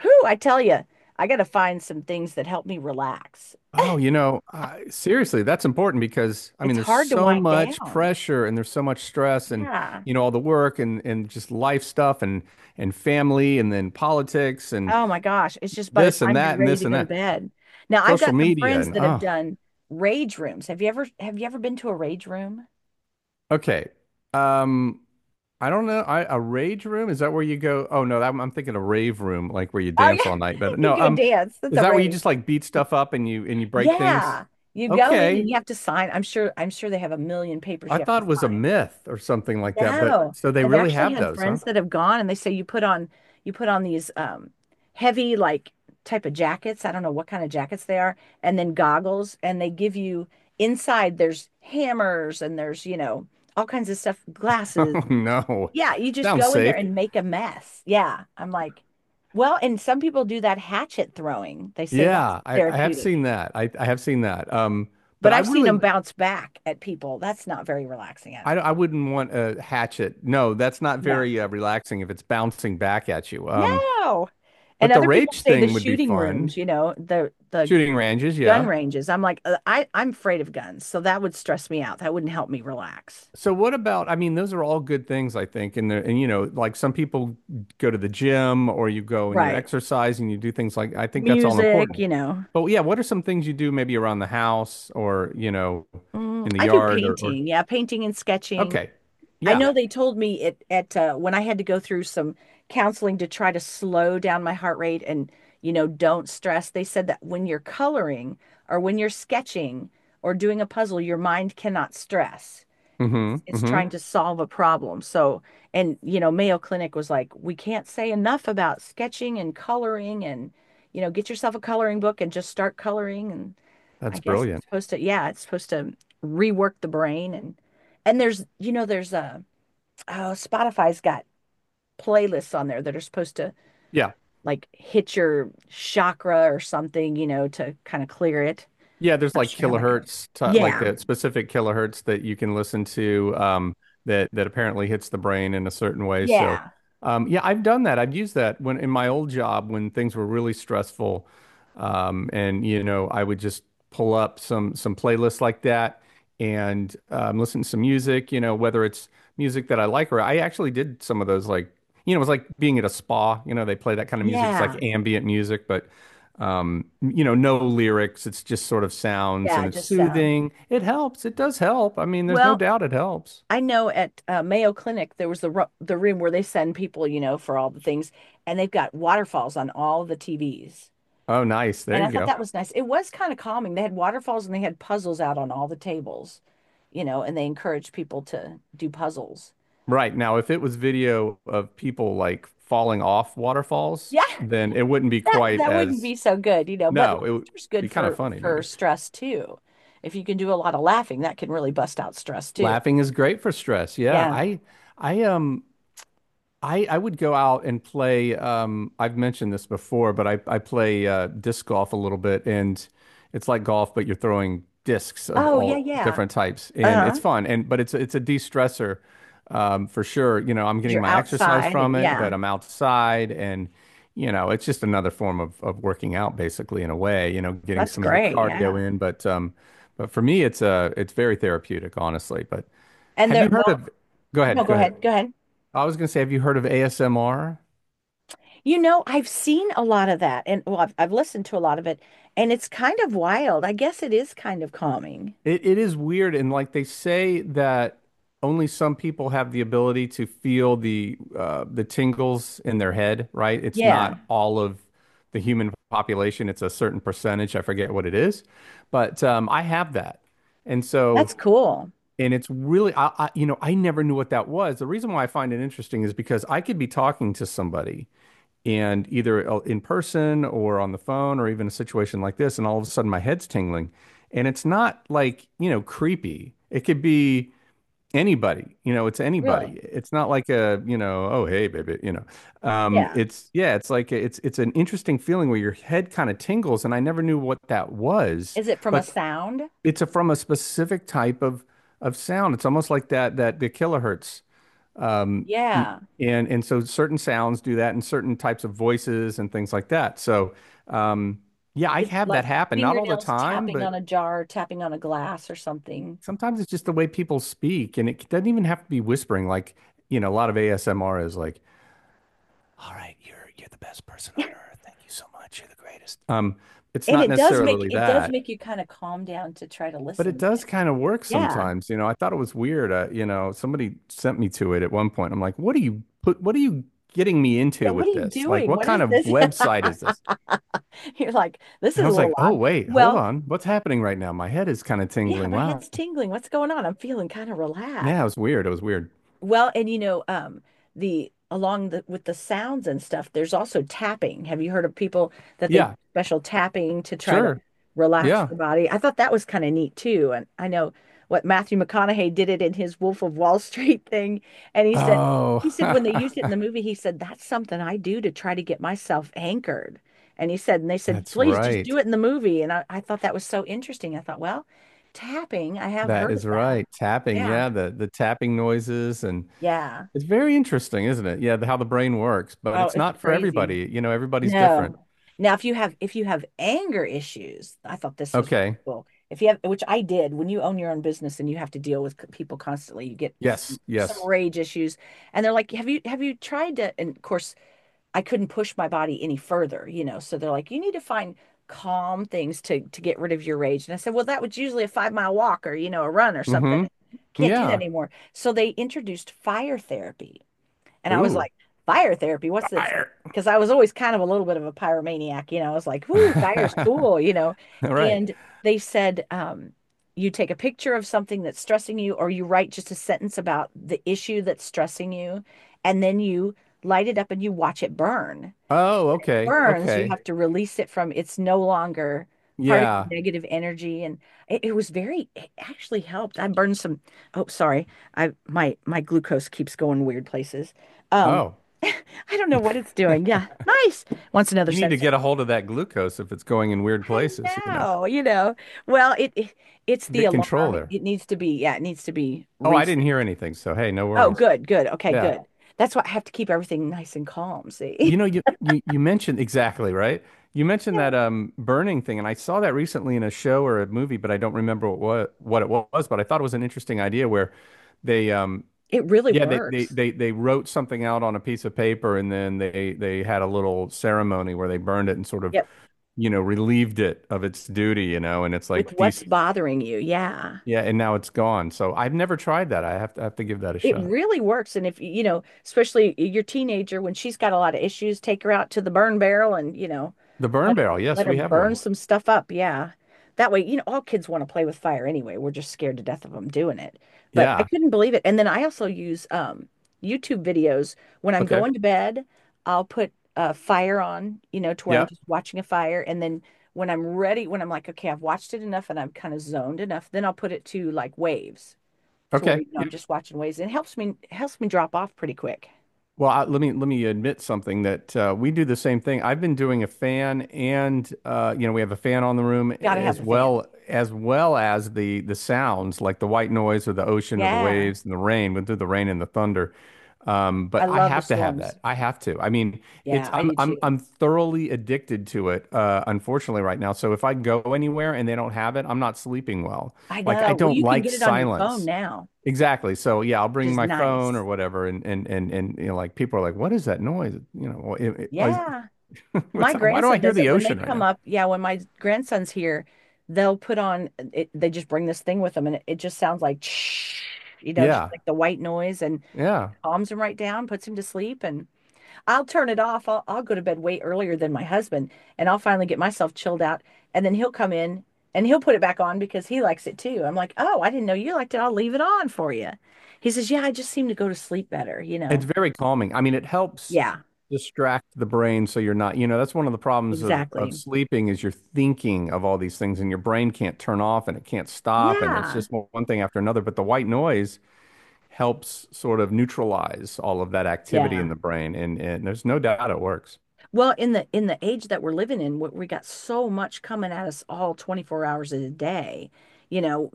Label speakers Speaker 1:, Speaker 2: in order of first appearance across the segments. Speaker 1: Whew, I tell you, I got to find some things that help me relax.
Speaker 2: Oh, seriously, that's important because
Speaker 1: It's
Speaker 2: there's
Speaker 1: hard to
Speaker 2: so
Speaker 1: wind
Speaker 2: much
Speaker 1: down.
Speaker 2: pressure and there's so much stress and
Speaker 1: Yeah.
Speaker 2: all the work and just life stuff and family and then politics and
Speaker 1: Oh my gosh. It's just by the
Speaker 2: this and
Speaker 1: time you're
Speaker 2: that and
Speaker 1: ready
Speaker 2: this
Speaker 1: to
Speaker 2: and
Speaker 1: go to
Speaker 2: that.
Speaker 1: bed. Now, I've
Speaker 2: Social
Speaker 1: got some
Speaker 2: media
Speaker 1: friends
Speaker 2: and
Speaker 1: that have
Speaker 2: oh,
Speaker 1: done rage rooms. Have you ever been to a rage room?
Speaker 2: okay. Um, I don't know. I a rage room, is that where you go? Oh no, that, I'm thinking a rave room, like where you
Speaker 1: Oh
Speaker 2: dance
Speaker 1: yeah.
Speaker 2: all night. But
Speaker 1: You
Speaker 2: no,
Speaker 1: go dance. That's
Speaker 2: is
Speaker 1: a
Speaker 2: that where you
Speaker 1: rage.
Speaker 2: just beat stuff up and you break things?
Speaker 1: Yeah. You go in
Speaker 2: Okay,
Speaker 1: and you have to sign. I'm sure they have a million papers
Speaker 2: I
Speaker 1: you have
Speaker 2: thought it
Speaker 1: to
Speaker 2: was a
Speaker 1: sign.
Speaker 2: myth or something like that, but
Speaker 1: No,
Speaker 2: so they
Speaker 1: I've
Speaker 2: really
Speaker 1: actually
Speaker 2: have
Speaker 1: had
Speaker 2: those, huh?
Speaker 1: friends that have gone and they say you put on these heavy like type of jackets. I don't know what kind of jackets they are, and then goggles, and they give you inside there's hammers and there's, you know, all kinds of stuff, glasses.
Speaker 2: Oh no.
Speaker 1: Yeah, you just
Speaker 2: Sounds
Speaker 1: go in there
Speaker 2: safe.
Speaker 1: and make a mess. Yeah. I'm like, well, and some people do that hatchet throwing. They say that's
Speaker 2: Yeah, I have seen
Speaker 1: therapeutic.
Speaker 2: that. I have seen that.
Speaker 1: But
Speaker 2: But I
Speaker 1: I've seen
Speaker 2: really
Speaker 1: them bounce back at people. That's not very relaxing, I don't.
Speaker 2: I wouldn't want a hatchet. No, that's not
Speaker 1: No.
Speaker 2: very relaxing if it's bouncing back at you.
Speaker 1: No. And
Speaker 2: But the
Speaker 1: other people
Speaker 2: rage
Speaker 1: say the
Speaker 2: thing would be
Speaker 1: shooting
Speaker 2: fun.
Speaker 1: rooms, you know, the
Speaker 2: Shooting ranges,
Speaker 1: gun
Speaker 2: yeah.
Speaker 1: ranges. I'm like, I'm afraid of guns, so that would stress me out. That wouldn't help me relax.
Speaker 2: So what about, those are all good things, I think. And the, and like some people go to the gym or you go and you
Speaker 1: Right.
Speaker 2: exercise and you do things I think that's all
Speaker 1: Music,
Speaker 2: important.
Speaker 1: you know.
Speaker 2: But yeah, what are some things you do maybe around the house or,
Speaker 1: Mm,
Speaker 2: in the
Speaker 1: I do
Speaker 2: yard or
Speaker 1: painting. Yeah, painting and sketching.
Speaker 2: okay.
Speaker 1: I
Speaker 2: Yeah.
Speaker 1: know they told me it at when I had to go through some counseling to try to slow down my heart rate and, you know, don't stress. They said that when you're coloring or when you're sketching or doing a puzzle, your mind cannot stress. it's
Speaker 2: Mm-hmm.
Speaker 1: it's
Speaker 2: Mm-hmm.
Speaker 1: trying to solve a problem. So, and you know, Mayo Clinic was like, we can't say enough about sketching and coloring and you know, get yourself a coloring book and just start coloring. And I
Speaker 2: That's
Speaker 1: guess
Speaker 2: brilliant.
Speaker 1: it's supposed to, yeah, it's supposed to rework the brain. And there's, you know, there's a, oh, Spotify's got playlists on there that are supposed to
Speaker 2: Yeah.
Speaker 1: like hit your chakra or something, you know, to kind of clear it.
Speaker 2: Yeah, there's
Speaker 1: Not
Speaker 2: like
Speaker 1: sure how that goes.
Speaker 2: kilohertz, to, like
Speaker 1: Yeah.
Speaker 2: the specific kilohertz that you can listen to that that apparently hits the brain in a certain way. So,
Speaker 1: Yeah.
Speaker 2: yeah, I've done that. I've used that when in my old job when things were really stressful, and I would just pull up some playlists like that and listen to some music. Whether it's music that I like or I actually did some of those it was like being at a spa. You know, they play that kind of music. It's like
Speaker 1: Yeah.
Speaker 2: ambient music, but no lyrics. It's just sort of sounds
Speaker 1: Yeah,
Speaker 2: and it's
Speaker 1: just sound.
Speaker 2: soothing. It helps. It does help. There's no
Speaker 1: Well,
Speaker 2: doubt it helps.
Speaker 1: I know at Mayo Clinic there was the ro the room where they send people, you know, for all the things, and they've got waterfalls on all the TVs.
Speaker 2: Oh, nice. There
Speaker 1: And I
Speaker 2: you
Speaker 1: thought
Speaker 2: go.
Speaker 1: that was nice. It was kind of calming. They had waterfalls and they had puzzles out on all the tables, you know, and they encouraged people to do puzzles.
Speaker 2: Right. Now, if it was video of people like falling off waterfalls,
Speaker 1: Yeah,
Speaker 2: then it wouldn't be
Speaker 1: that
Speaker 2: quite
Speaker 1: that wouldn't be
Speaker 2: as,
Speaker 1: so good, you know, but
Speaker 2: no, it would
Speaker 1: laughter's
Speaker 2: be
Speaker 1: good
Speaker 2: kind of
Speaker 1: for
Speaker 2: funny maybe.
Speaker 1: stress too. If you can do a lot of laughing, that can really bust out stress too.
Speaker 2: Laughing is great for stress. Yeah.
Speaker 1: Yeah.
Speaker 2: I, um, I would go out and play. I've mentioned this before, but I play disc golf a little bit, and it's like golf, but you're throwing discs of
Speaker 1: Oh, yeah,
Speaker 2: all
Speaker 1: yeah.
Speaker 2: different types, and it's
Speaker 1: Uh-huh.
Speaker 2: fun. And but it's a de-stressor for sure. You know, I'm
Speaker 1: 'Cause
Speaker 2: getting
Speaker 1: you're
Speaker 2: my exercise
Speaker 1: outside
Speaker 2: from
Speaker 1: and
Speaker 2: it, but
Speaker 1: yeah,
Speaker 2: I'm outside, and it's just another form of working out, basically, in a way. You know, getting
Speaker 1: that's
Speaker 2: some of your
Speaker 1: great. Yeah.
Speaker 2: cardio in. But for me, it's very therapeutic, honestly. But
Speaker 1: And
Speaker 2: have
Speaker 1: there,
Speaker 2: you heard
Speaker 1: well,
Speaker 2: of? Go
Speaker 1: no,
Speaker 2: ahead, go ahead.
Speaker 1: go ahead.
Speaker 2: I was gonna say, have you heard of ASMR?
Speaker 1: You know, I've seen a lot of that, and well, I've listened to a lot of it, and it's kind of wild. I guess it is kind of calming.
Speaker 2: It is weird, and they say that only some people have the ability to feel the tingles in their head, right? It's
Speaker 1: Yeah,
Speaker 2: not all of the human population; it's a certain percentage. I forget what it is, but I have that, and so
Speaker 1: that's cool.
Speaker 2: and it's really, I I never knew what that was. The reason why I find it interesting is because I could be talking to somebody, and either in person or on the phone or even a situation like this, and all of a sudden my head's tingling, and it's not like creepy. It could be anybody, it's
Speaker 1: Really?
Speaker 2: anybody. It's not like a, oh hey baby,
Speaker 1: Yeah.
Speaker 2: it's yeah, it's it's an interesting feeling where your head kind of tingles, and I never knew what that was,
Speaker 1: Is it from a
Speaker 2: but
Speaker 1: sound?
Speaker 2: it's a, from a specific type of sound. It's almost like that the kilohertz, um,
Speaker 1: Yeah.
Speaker 2: and so certain sounds do that, and certain types of voices and things like that. So, um, yeah, I
Speaker 1: It's
Speaker 2: have that
Speaker 1: like
Speaker 2: happen. Not all the
Speaker 1: fingernails
Speaker 2: time,
Speaker 1: tapping
Speaker 2: but
Speaker 1: on a jar, tapping on a glass or something.
Speaker 2: sometimes it's just the way people speak, and it doesn't even have to be whispering. Like, a lot of ASMR is like, "All right, you're the best person
Speaker 1: Yeah,
Speaker 2: on earth. Thank you so much. You're the greatest." It's
Speaker 1: and
Speaker 2: not
Speaker 1: it does make,
Speaker 2: necessarily
Speaker 1: it does
Speaker 2: that.
Speaker 1: make you kind of calm down to try to
Speaker 2: But it
Speaker 1: listen.
Speaker 2: does kind of work
Speaker 1: Yeah.
Speaker 2: sometimes, you know. I thought it was weird. You know, somebody sent me to it at one point. I'm like, what are you getting me
Speaker 1: Yeah,
Speaker 2: into
Speaker 1: what are
Speaker 2: with
Speaker 1: you
Speaker 2: this? Like,
Speaker 1: doing?
Speaker 2: what
Speaker 1: What is
Speaker 2: kind of
Speaker 1: this?
Speaker 2: website is this?
Speaker 1: You're like, this
Speaker 2: And I
Speaker 1: is a
Speaker 2: was
Speaker 1: little
Speaker 2: like, oh,
Speaker 1: odd.
Speaker 2: wait, hold
Speaker 1: Well,
Speaker 2: on. What's happening right now? My head is kind of
Speaker 1: yeah,
Speaker 2: tingling.
Speaker 1: my
Speaker 2: Wow.
Speaker 1: head's tingling. What's going on? I'm feeling kind of
Speaker 2: Yeah,
Speaker 1: relaxed.
Speaker 2: it was weird. It was weird.
Speaker 1: Well, and you know, the along the with the sounds and stuff, there's also tapping. Have you heard of people that they do
Speaker 2: Yeah,
Speaker 1: special tapping to try to
Speaker 2: sure.
Speaker 1: relax
Speaker 2: Yeah.
Speaker 1: the body? I thought that was kind of neat too. And I know what Matthew McConaughey did it in his Wolf of Wall Street thing, and
Speaker 2: Oh,
Speaker 1: he said when they used it in the movie, he said that's something I do to try to get myself anchored. And he said, and they said,
Speaker 2: that's
Speaker 1: please just do
Speaker 2: right.
Speaker 1: it in the movie. And I thought that was so interesting. I thought, well, tapping, I have
Speaker 2: That
Speaker 1: heard of
Speaker 2: is
Speaker 1: that.
Speaker 2: right. Tapping.
Speaker 1: Yeah.
Speaker 2: Yeah, the tapping noises and
Speaker 1: Yeah.
Speaker 2: it's very interesting, isn't it? Yeah, the, how the brain works, but
Speaker 1: Oh,
Speaker 2: it's
Speaker 1: it's
Speaker 2: not for
Speaker 1: crazy.
Speaker 2: everybody. You know, everybody's
Speaker 1: No.
Speaker 2: different.
Speaker 1: Now, if you have anger issues, I thought this was
Speaker 2: Okay.
Speaker 1: cool. If you have, which I did, when you own your own business and you have to deal with people constantly, you get
Speaker 2: Yes.
Speaker 1: some
Speaker 2: Yes.
Speaker 1: rage issues, and they're like, have you tried to?" And of course, I couldn't push my body any further, you know. So they're like, "You need to find calm things to get rid of your rage." And I said, "Well, that was usually a 5 mile walk, or you know, a run or something.
Speaker 2: Mm-hmm.
Speaker 1: Can't do that
Speaker 2: Yeah.
Speaker 1: anymore." So they introduced fire therapy. And I was
Speaker 2: Ooh.
Speaker 1: like, fire therapy, what's this?
Speaker 2: Fire.
Speaker 1: Because I was always kind of a little bit of a pyromaniac, you know. I was like, "Ooh, fire's
Speaker 2: All
Speaker 1: cool," you know.
Speaker 2: right.
Speaker 1: And they said, you take a picture of something that's stressing you, or you write just a sentence about the issue that's stressing you, and then you light it up and you watch it burn.
Speaker 2: Oh, okay.
Speaker 1: Burns, you
Speaker 2: Okay.
Speaker 1: have to release it from, it's no longer part of your
Speaker 2: Yeah.
Speaker 1: negative energy. And it was very, it actually helped. I burned some, oh, sorry. My glucose keeps going weird places. Um,
Speaker 2: Oh,
Speaker 1: I don't know what it's doing. Yeah. Nice. Wants another
Speaker 2: you need to
Speaker 1: sensor.
Speaker 2: get a hold of that glucose if it's going in weird
Speaker 1: I
Speaker 2: places, you know.
Speaker 1: know, you know. Well, it it's the
Speaker 2: Get control
Speaker 1: alarm.
Speaker 2: there.
Speaker 1: It needs to be, yeah, it needs to be
Speaker 2: Oh, I
Speaker 1: reset.
Speaker 2: didn't hear anything, so hey, no
Speaker 1: Oh,
Speaker 2: worries.
Speaker 1: good, good. Okay,
Speaker 2: Yeah.
Speaker 1: good. That's why I have to keep everything nice and calm, see?
Speaker 2: You know, you mentioned exactly, right? You mentioned
Speaker 1: Yeah.
Speaker 2: that burning thing, and I saw that recently in a show or a movie, but I don't remember what it was, but I thought it was an interesting idea where they
Speaker 1: It really
Speaker 2: yeah, they,
Speaker 1: works.
Speaker 2: they wrote something out on a piece of paper, and then they had a little ceremony where they burned it and sort of,
Speaker 1: Yep.
Speaker 2: you know, relieved it of its duty, you know, and it's
Speaker 1: With
Speaker 2: like
Speaker 1: what's
Speaker 2: these
Speaker 1: bothering you. Yeah.
Speaker 2: yeah, and now it's gone. So I've never tried that. I have to give that a
Speaker 1: It
Speaker 2: shot.
Speaker 1: really works. And if, you know, especially your teenager, when she's got a lot of issues, take her out to the burn barrel and, you know,
Speaker 2: The burn
Speaker 1: let her
Speaker 2: barrel,
Speaker 1: let
Speaker 2: yes,
Speaker 1: her
Speaker 2: we have
Speaker 1: burn
Speaker 2: one.
Speaker 1: some stuff up. Yeah. That way, you know, all kids want to play with fire anyway. We're just scared to death of them doing it. But I
Speaker 2: Yeah.
Speaker 1: couldn't believe it. And then I also use YouTube videos when I'm
Speaker 2: Okay.
Speaker 1: going to bed. I'll put a fire on, you know, to where I'm
Speaker 2: Yeah.
Speaker 1: just watching a fire. And then when I'm ready, when I'm like, okay, I've watched it enough and I'm kind of zoned enough, then I'll put it to like waves. To where
Speaker 2: Okay.
Speaker 1: you know, I'm just watching waves. It helps me, helps me drop off pretty quick.
Speaker 2: Well, I, let me admit something that we do the same thing. I've been doing a fan, and you know we have a fan on the room
Speaker 1: Gotta have
Speaker 2: as
Speaker 1: the fan.
Speaker 2: well as well as the sounds like the white noise or the ocean or the
Speaker 1: Yeah.
Speaker 2: waves and the rain. We do the rain and the thunder,
Speaker 1: I
Speaker 2: but I
Speaker 1: love the
Speaker 2: have to have
Speaker 1: storms.
Speaker 2: that. I have to. I mean, it's
Speaker 1: Yeah, I do
Speaker 2: I'm
Speaker 1: too.
Speaker 2: thoroughly addicted to it. Unfortunately, right now. So if I go anywhere and they don't have it, I'm not sleeping well.
Speaker 1: I
Speaker 2: Like I
Speaker 1: know. Well,
Speaker 2: don't
Speaker 1: you can
Speaker 2: like
Speaker 1: get it on your phone
Speaker 2: silence.
Speaker 1: now,
Speaker 2: Exactly. So yeah, I'll
Speaker 1: which
Speaker 2: bring
Speaker 1: is
Speaker 2: my phone
Speaker 1: nice.
Speaker 2: or whatever, and you know, like people are like, "What is that noise?" You know, well, is-
Speaker 1: Yeah.
Speaker 2: what's
Speaker 1: My
Speaker 2: why do I
Speaker 1: grandson
Speaker 2: hear
Speaker 1: does it
Speaker 2: the
Speaker 1: when they
Speaker 2: ocean right
Speaker 1: come
Speaker 2: now?
Speaker 1: up. Yeah, when my grandson's here, they'll put on it, they just bring this thing with them and it just sounds like you know, just
Speaker 2: Yeah,
Speaker 1: like the white noise and
Speaker 2: yeah.
Speaker 1: calms him right down, puts him to sleep. And I'll turn it off. I'll go to bed way earlier than my husband, and I'll finally get myself chilled out. And then he'll come in and he'll put it back on because he likes it too. I'm like, oh, I didn't know you liked it. I'll leave it on for you. He says, yeah, I just seem to go to sleep better, you
Speaker 2: It's
Speaker 1: know?
Speaker 2: very calming. I mean, it helps
Speaker 1: Yeah,
Speaker 2: distract the brain so you're not, you know. That's one of the problems of
Speaker 1: exactly.
Speaker 2: sleeping is you're thinking of all these things, and your brain can't turn off and it can't stop and it's
Speaker 1: Yeah.
Speaker 2: just one thing after another. But the white noise helps sort of neutralize all of that activity in
Speaker 1: Yeah.
Speaker 2: the brain, and there's no doubt it works.
Speaker 1: Well, in the age that we're living in, we got so much coming at us all 24 hours a day. You know,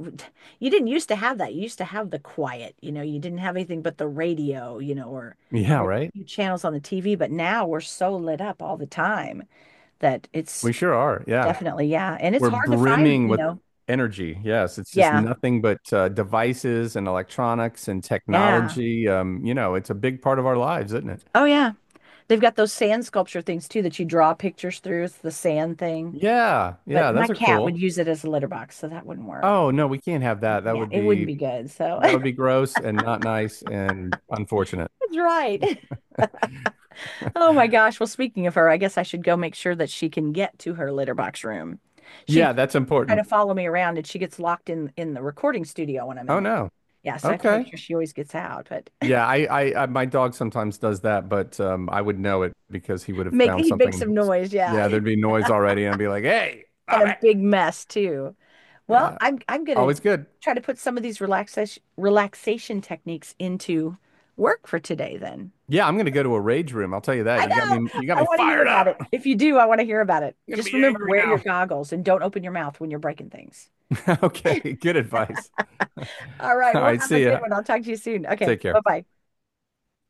Speaker 1: you didn't used to have that. You used to have the quiet, you know, you didn't have anything but the radio, you know, or
Speaker 2: Yeah,
Speaker 1: maybe a
Speaker 2: right.
Speaker 1: few channels on the TV, but now we're so lit up all the time that it's
Speaker 2: We sure are. Yeah.
Speaker 1: definitely, yeah, and it's
Speaker 2: We're
Speaker 1: hard to find,
Speaker 2: brimming
Speaker 1: you
Speaker 2: with
Speaker 1: know.
Speaker 2: energy. Yes, it's just
Speaker 1: Yeah.
Speaker 2: nothing but devices and electronics and
Speaker 1: Yeah.
Speaker 2: technology. You know, it's a big part of our lives, isn't it?
Speaker 1: Oh yeah. They've got those sand sculpture things too that you draw pictures through. It's the sand thing.
Speaker 2: Yeah,
Speaker 1: But
Speaker 2: yeah,
Speaker 1: my
Speaker 2: those are
Speaker 1: cat
Speaker 2: cool.
Speaker 1: would use it as a litter box, so that wouldn't work.
Speaker 2: Oh no, we can't have that.
Speaker 1: Yeah, it wouldn't be good. So
Speaker 2: That
Speaker 1: that's
Speaker 2: would be gross and not nice and unfortunate.
Speaker 1: right. Oh my gosh. Well, speaking of her, I guess I should go make sure that she can get to her litter box room. She'd
Speaker 2: Yeah, that's
Speaker 1: try to
Speaker 2: important.
Speaker 1: follow me around and she gets locked in the recording studio when I'm in
Speaker 2: Oh
Speaker 1: there.
Speaker 2: no.
Speaker 1: Yeah, so I have to make
Speaker 2: Okay.
Speaker 1: sure she always gets out, but
Speaker 2: Yeah, I my dog sometimes does that, but I would know it because he would have
Speaker 1: make
Speaker 2: found
Speaker 1: he'd make some
Speaker 2: something.
Speaker 1: noise, yeah.
Speaker 2: Yeah, there'd be noise already, and I'd be like, "Hey,
Speaker 1: And
Speaker 2: stop
Speaker 1: a
Speaker 2: it!"
Speaker 1: big mess too. Well,
Speaker 2: Yeah,
Speaker 1: I'm gonna
Speaker 2: always good.
Speaker 1: try to put some of these relaxation techniques into work for today then.
Speaker 2: Yeah, I'm gonna go to a rage room. I'll tell you that.
Speaker 1: I know.
Speaker 2: You got
Speaker 1: I
Speaker 2: me
Speaker 1: want to hear
Speaker 2: fired
Speaker 1: about
Speaker 2: up.
Speaker 1: it.
Speaker 2: I'm
Speaker 1: If you do, I want to hear about it.
Speaker 2: gonna
Speaker 1: Just
Speaker 2: be
Speaker 1: remember,
Speaker 2: angry
Speaker 1: wear your
Speaker 2: now.
Speaker 1: goggles and don't open your mouth when you're breaking things.
Speaker 2: Okay, good advice. All
Speaker 1: All right. We'll
Speaker 2: right,
Speaker 1: have a
Speaker 2: see
Speaker 1: good
Speaker 2: ya.
Speaker 1: one. I'll talk to you soon. Okay.
Speaker 2: Take
Speaker 1: Bye
Speaker 2: care.
Speaker 1: bye.